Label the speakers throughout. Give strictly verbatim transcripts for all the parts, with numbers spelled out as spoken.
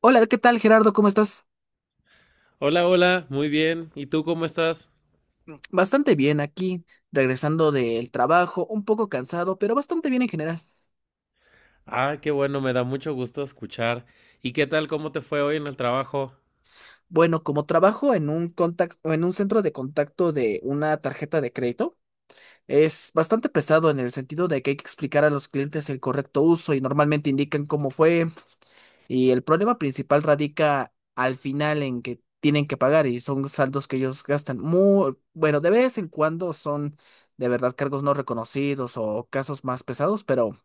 Speaker 1: Hola, ¿qué tal Gerardo? ¿Cómo estás?
Speaker 2: Hola, hola, muy bien. ¿Y tú cómo estás?
Speaker 1: Bastante bien aquí, regresando del trabajo, un poco cansado, pero bastante bien en general.
Speaker 2: Ah, qué bueno, me da mucho gusto escuchar. ¿Y qué tal? ¿Cómo te fue hoy en el trabajo?
Speaker 1: Bueno, como trabajo en un contacto, en un centro de contacto de una tarjeta de crédito, es bastante pesado en el sentido de que hay que explicar a los clientes el correcto uso y normalmente indican cómo fue. Y el problema principal radica al final en que tienen que pagar y son saldos que ellos gastan muy, bueno, de vez en cuando son de verdad cargos no reconocidos o casos más pesados, pero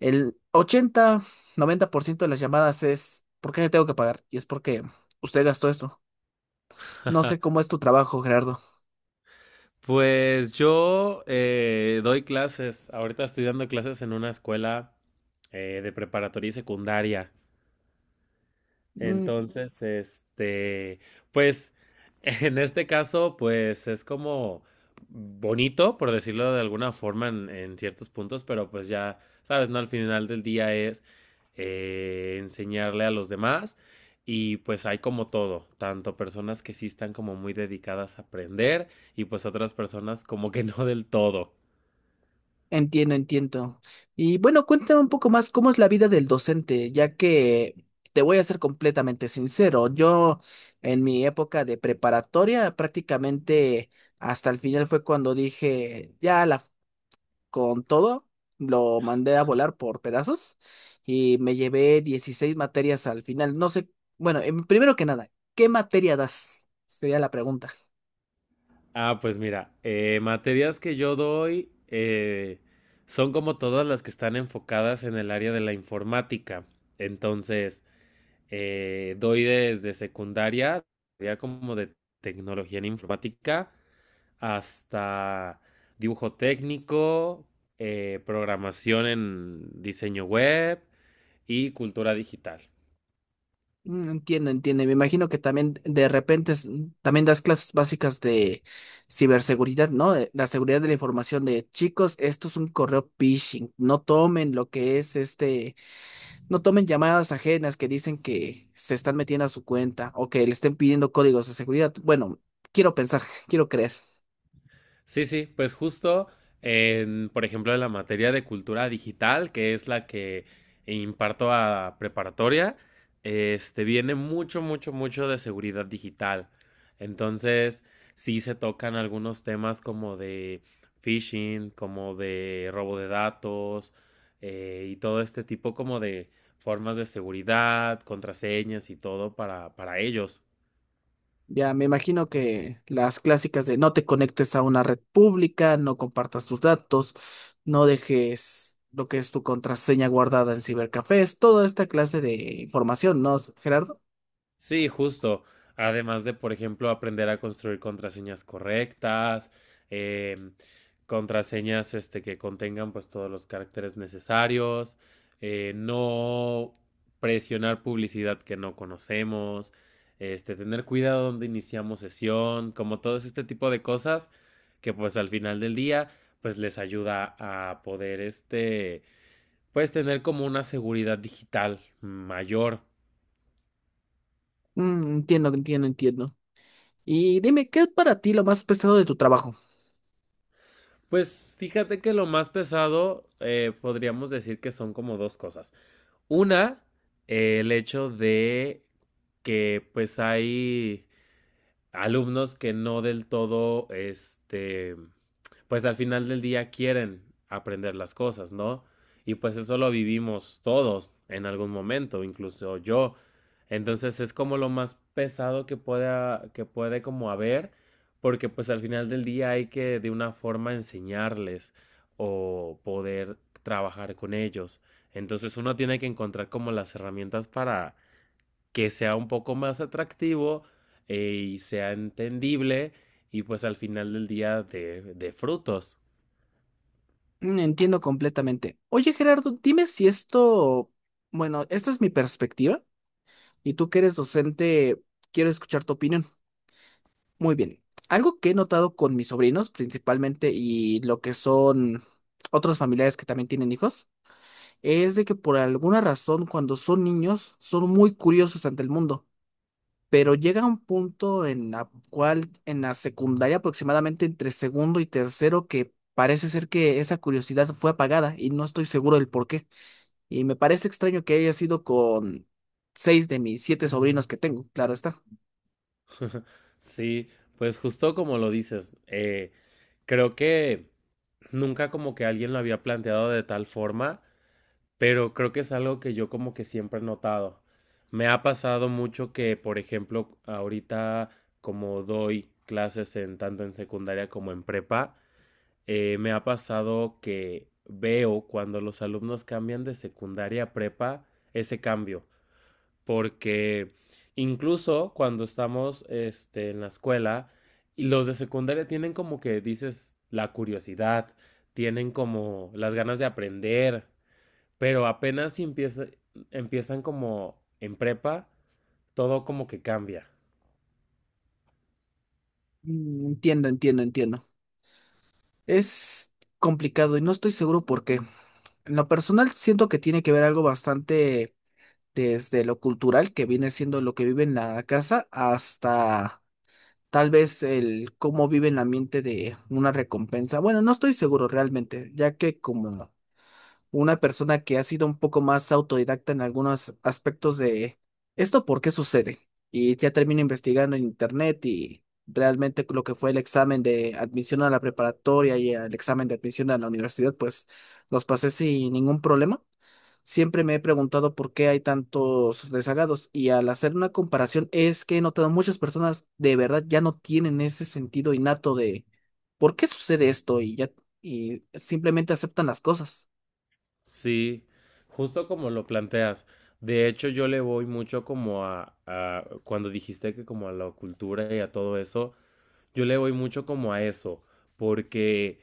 Speaker 1: el ochenta noventa por ciento de las llamadas es ¿por qué le tengo que pagar? Y es porque usted gastó esto. No sé cómo es tu trabajo, Gerardo.
Speaker 2: Pues yo eh, doy clases. Ahorita estoy dando clases en una escuela eh, de preparatoria y secundaria.
Speaker 1: Mm,
Speaker 2: Entonces, este, pues en este caso, pues es como bonito, por decirlo de alguna forma, en, en ciertos puntos, pero pues ya, sabes, ¿no? Al final del día es eh, enseñarle a los demás y pues hay como todo, tanto personas que sí están como muy dedicadas a aprender y pues otras personas como que no del todo.
Speaker 1: entiendo, entiendo. Y bueno, cuéntame un poco más cómo es la vida del docente, ya que te voy a ser completamente sincero. Yo en mi época de preparatoria prácticamente hasta el final fue cuando dije, ya la con todo, lo mandé a volar por pedazos y me llevé dieciséis materias al final. No sé, bueno, em, primero que nada, ¿qué materia das? Sería la pregunta.
Speaker 2: Ah, pues mira, eh, materias que yo doy eh, son como todas las que están enfocadas en el área de la informática. Entonces, eh, doy desde secundaria, sería como de tecnología en informática, hasta dibujo técnico, eh, programación en diseño web y cultura digital.
Speaker 1: Mm, entiendo, entiendo. Me imagino que también de repente es- mm, también das clases básicas de ciberseguridad, ¿no? De la seguridad de la información de chicos, esto es un correo phishing. No tomen lo que es este no tomen llamadas ajenas que dicen que se están metiendo a su cuenta o que le estén pidiendo códigos de seguridad. Bueno, quiero pensar, quiero creer.
Speaker 2: Sí, sí, pues justo en, por ejemplo, en la materia de cultura digital, que es la que imparto a preparatoria, este viene mucho, mucho, mucho de seguridad digital. Entonces, sí se tocan algunos temas como de phishing, como de robo de datos, eh, y todo este tipo como de formas de seguridad, contraseñas y todo para, para ellos.
Speaker 1: Ya me imagino que las clásicas de no te conectes a una red pública, no compartas tus datos, no dejes lo que es tu contraseña guardada en cibercafés, toda esta clase de información, ¿no, Gerardo?
Speaker 2: Sí, justo. Además de, por ejemplo, aprender a construir contraseñas correctas, em, contraseñas este, que contengan pues todos los caracteres necesarios, eh, no presionar publicidad que no conocemos, este, tener cuidado donde iniciamos sesión, como todos este tipo de cosas que pues al final del día pues les ayuda a poder este pues tener como una seguridad digital mayor.
Speaker 1: Mm, entiendo, entiendo, entiendo. Y dime, ¿qué es para ti lo más pesado de tu trabajo?
Speaker 2: Pues fíjate que lo más pesado eh, podríamos decir que son como dos cosas. Una, eh, el hecho de que pues hay alumnos que no del todo, este, pues al final del día quieren aprender las cosas, ¿no? Y pues eso lo vivimos todos en algún momento, incluso yo. Entonces es como lo más pesado que pueda, que puede como haber, porque pues al final del día hay que de una forma enseñarles o poder trabajar con ellos. Entonces uno tiene que encontrar como las herramientas para, que sea un poco más atractivo eh, y sea entendible y pues al final del día de, de frutos.
Speaker 1: Mm, entiendo completamente. Oye, Gerardo, dime si esto, bueno, esta es mi perspectiva y tú que eres docente, quiero escuchar tu opinión. Muy bien. Algo que he notado con mis sobrinos principalmente y lo que son otros familiares que también tienen hijos, es de que por alguna razón cuando son niños son muy curiosos ante el mundo, pero llega un punto en la cual en la secundaria aproximadamente entre segundo y tercero que parece ser que esa curiosidad fue apagada y no estoy seguro del por qué. Y me parece extraño que haya sido con seis de mis siete sobrinos que tengo, claro está.
Speaker 2: Sí, pues justo como lo dices, eh, creo que nunca como que alguien lo había planteado de tal forma, pero creo que es algo que yo como que siempre he notado. Me ha pasado mucho que, por ejemplo, ahorita como doy clases en tanto en secundaria como en prepa, eh, me ha pasado que veo cuando los alumnos cambian de secundaria a prepa ese cambio, porque incluso cuando estamos este, en la escuela, y los de secundaria tienen como que dices la curiosidad, tienen como las ganas de aprender, pero apenas si empieza- empiezan como en prepa, todo como que cambia.
Speaker 1: Mm, entiendo, entiendo, entiendo. Es complicado y no estoy seguro por qué. En lo personal siento que tiene que ver algo bastante desde lo cultural, que viene siendo lo que vive en la casa, hasta tal vez el cómo vive en la mente de una recompensa. Bueno, no estoy seguro realmente, ya que como una persona que ha sido un poco más autodidacta en algunos aspectos de esto, ¿por qué sucede? Y ya termino investigando en internet y realmente lo que fue el examen de admisión a la preparatoria y el examen de admisión a la universidad, pues los pasé sin ningún problema. Siempre me he preguntado por qué hay tantos rezagados y al hacer una comparación es que he notado muchas personas de verdad ya no tienen ese sentido innato de por qué sucede esto y ya y simplemente aceptan las cosas.
Speaker 2: Sí, justo como lo planteas. De hecho, yo le voy mucho como a, a- cuando dijiste que como a la cultura y a todo eso, yo le voy mucho como a eso, porque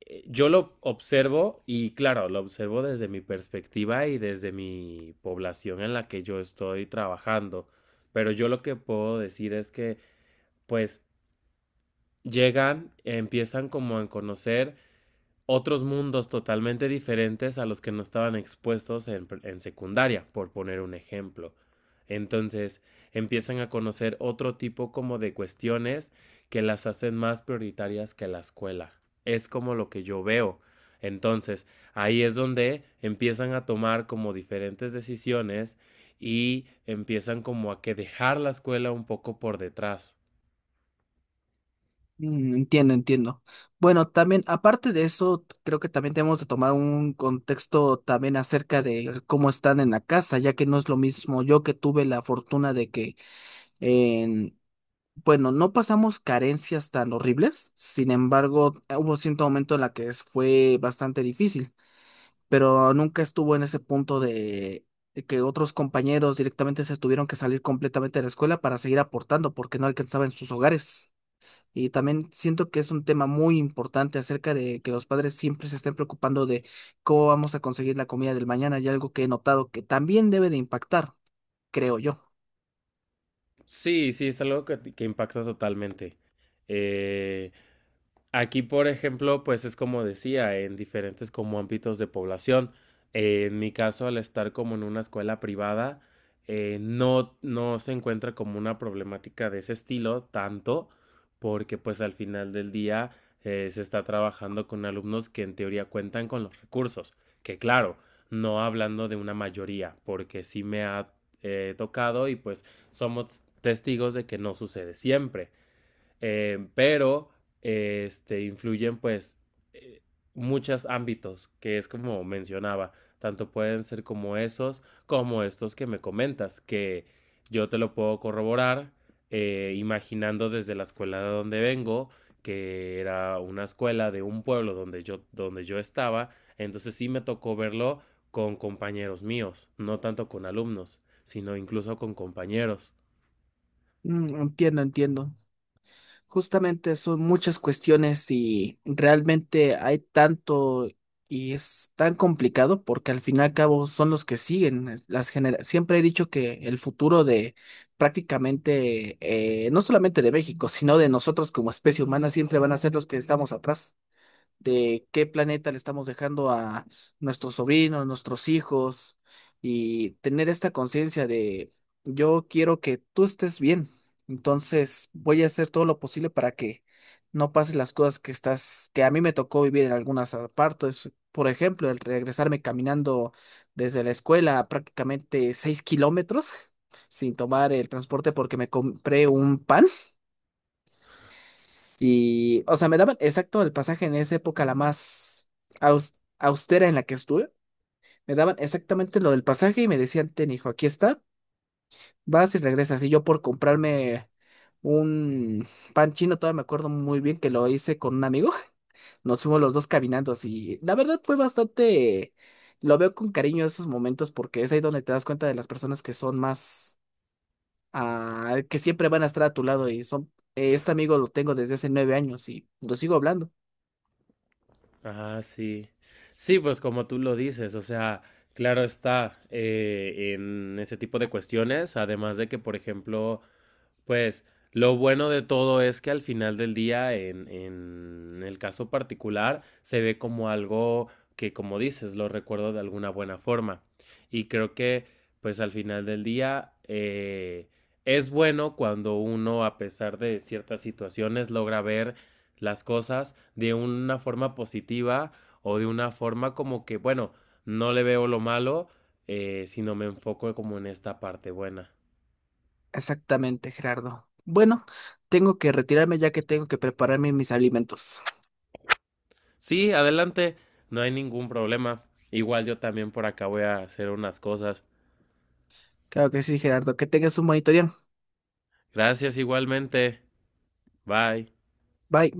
Speaker 2: eh, yo lo observo y claro, lo observo desde mi perspectiva y desde mi población en la que yo estoy trabajando, pero yo lo que puedo decir es que pues llegan, empiezan como a conocer otros mundos totalmente diferentes a los que no estaban expuestos en, en secundaria, por poner un ejemplo. Entonces empiezan a conocer otro tipo como de cuestiones que las hacen más prioritarias que la escuela. Es como lo que yo veo. Entonces ahí es donde empiezan a tomar como diferentes decisiones y empiezan como a que dejar la escuela un poco por detrás.
Speaker 1: Mm, entiendo, entiendo. Bueno, también, aparte de eso, creo que también tenemos de tomar un contexto también acerca de cómo están en la casa, ya que no es lo mismo yo que tuve la fortuna de que, en, bueno, no pasamos carencias tan horribles, sin embargo, hubo cierto momento en la que es- fue bastante difícil, pero nunca estuvo en ese punto de de que otros compañeros directamente se tuvieron que salir completamente de la escuela para seguir aportando porque no alcanzaban sus hogares. Y también siento que es un tema muy importante acerca de que los padres siempre se estén preocupando de cómo vamos a conseguir la comida del mañana y algo que he notado que también debe de impactar, creo yo.
Speaker 2: Sí, sí, es algo que, que impacta totalmente. Eh, Aquí, por ejemplo, pues es como decía, en diferentes como ámbitos de población. Eh, en mi caso, al estar como en una escuela privada, eh, no, no se encuentra como una problemática de ese estilo tanto, porque pues al final del día eh, se está trabajando con alumnos que en teoría cuentan con los recursos, que claro, no hablando de una mayoría, porque sí me ha eh, tocado y pues somos testigos de que no sucede siempre eh, pero eh, este, influyen pues eh, muchos ámbitos, que es como mencionaba, tanto pueden ser como esos, como estos que me comentas, que yo te lo puedo corroborar eh, imaginando desde la escuela de donde vengo, que era una escuela de un pueblo donde yo, donde yo estaba, entonces sí me tocó verlo con compañeros míos, no tanto con alumnos, sino incluso con compañeros.
Speaker 1: Mm, entiendo, entiendo. Justamente son muchas cuestiones y realmente hay tanto y es tan complicado porque al fin y al cabo son los que siguen eh, las generaciones. Siempre he dicho que el futuro de prácticamente, eh, no solamente de México, sino de nosotros como especie humana, siempre van a ser los que estamos atrás. De qué planeta le estamos dejando a nuestros sobrinos, nuestros hijos, y tener esta conciencia de yo quiero que tú estés bien, entonces voy a hacer todo lo posible para que no pasen las cosas que estás, que a mí me tocó vivir en algunas partes. Por ejemplo, el regresarme caminando desde la escuela a prácticamente seis kilómetros sin tomar el transporte porque me compré un pan. Y, o sea, me daban exacto el pasaje en esa época, la más aus- austera en la que estuve. Me daban exactamente lo del pasaje y me decían, ten hijo, aquí está, vas y regresas. Y yo por comprarme un pan chino, todavía me acuerdo muy bien que lo hice con un amigo. Nos fuimos los dos caminando y la verdad fue bastante, lo veo con cariño esos momentos porque es ahí donde te das cuenta de las personas que son más, ah, que siempre van a estar a tu lado y son, eh, este amigo lo tengo desde hace nueve años y lo sigo hablando.
Speaker 2: Ah, sí. Sí, pues como tú lo dices, o sea, claro está eh, en ese tipo de cuestiones, además de que, por ejemplo, pues lo bueno de todo es que al final del día, en, en el caso particular, se ve como algo que, como dices, lo recuerdo de alguna buena forma. Y creo que, pues al final del día, eh, es bueno cuando uno, a pesar de ciertas situaciones, logra ver las cosas de una forma positiva o de una forma como que, bueno, no le veo lo malo, eh, sino me enfoco como en esta parte buena.
Speaker 1: Exactamente, Gerardo. Bueno, tengo que retirarme ya que tengo que prepararme mis alimentos.
Speaker 2: Sí, adelante, no hay ningún problema. Igual yo también por acá voy a hacer unas cosas.
Speaker 1: Claro que sí, Gerardo. Que tengas un bonito día.
Speaker 2: Gracias igualmente. Bye.
Speaker 1: Bye.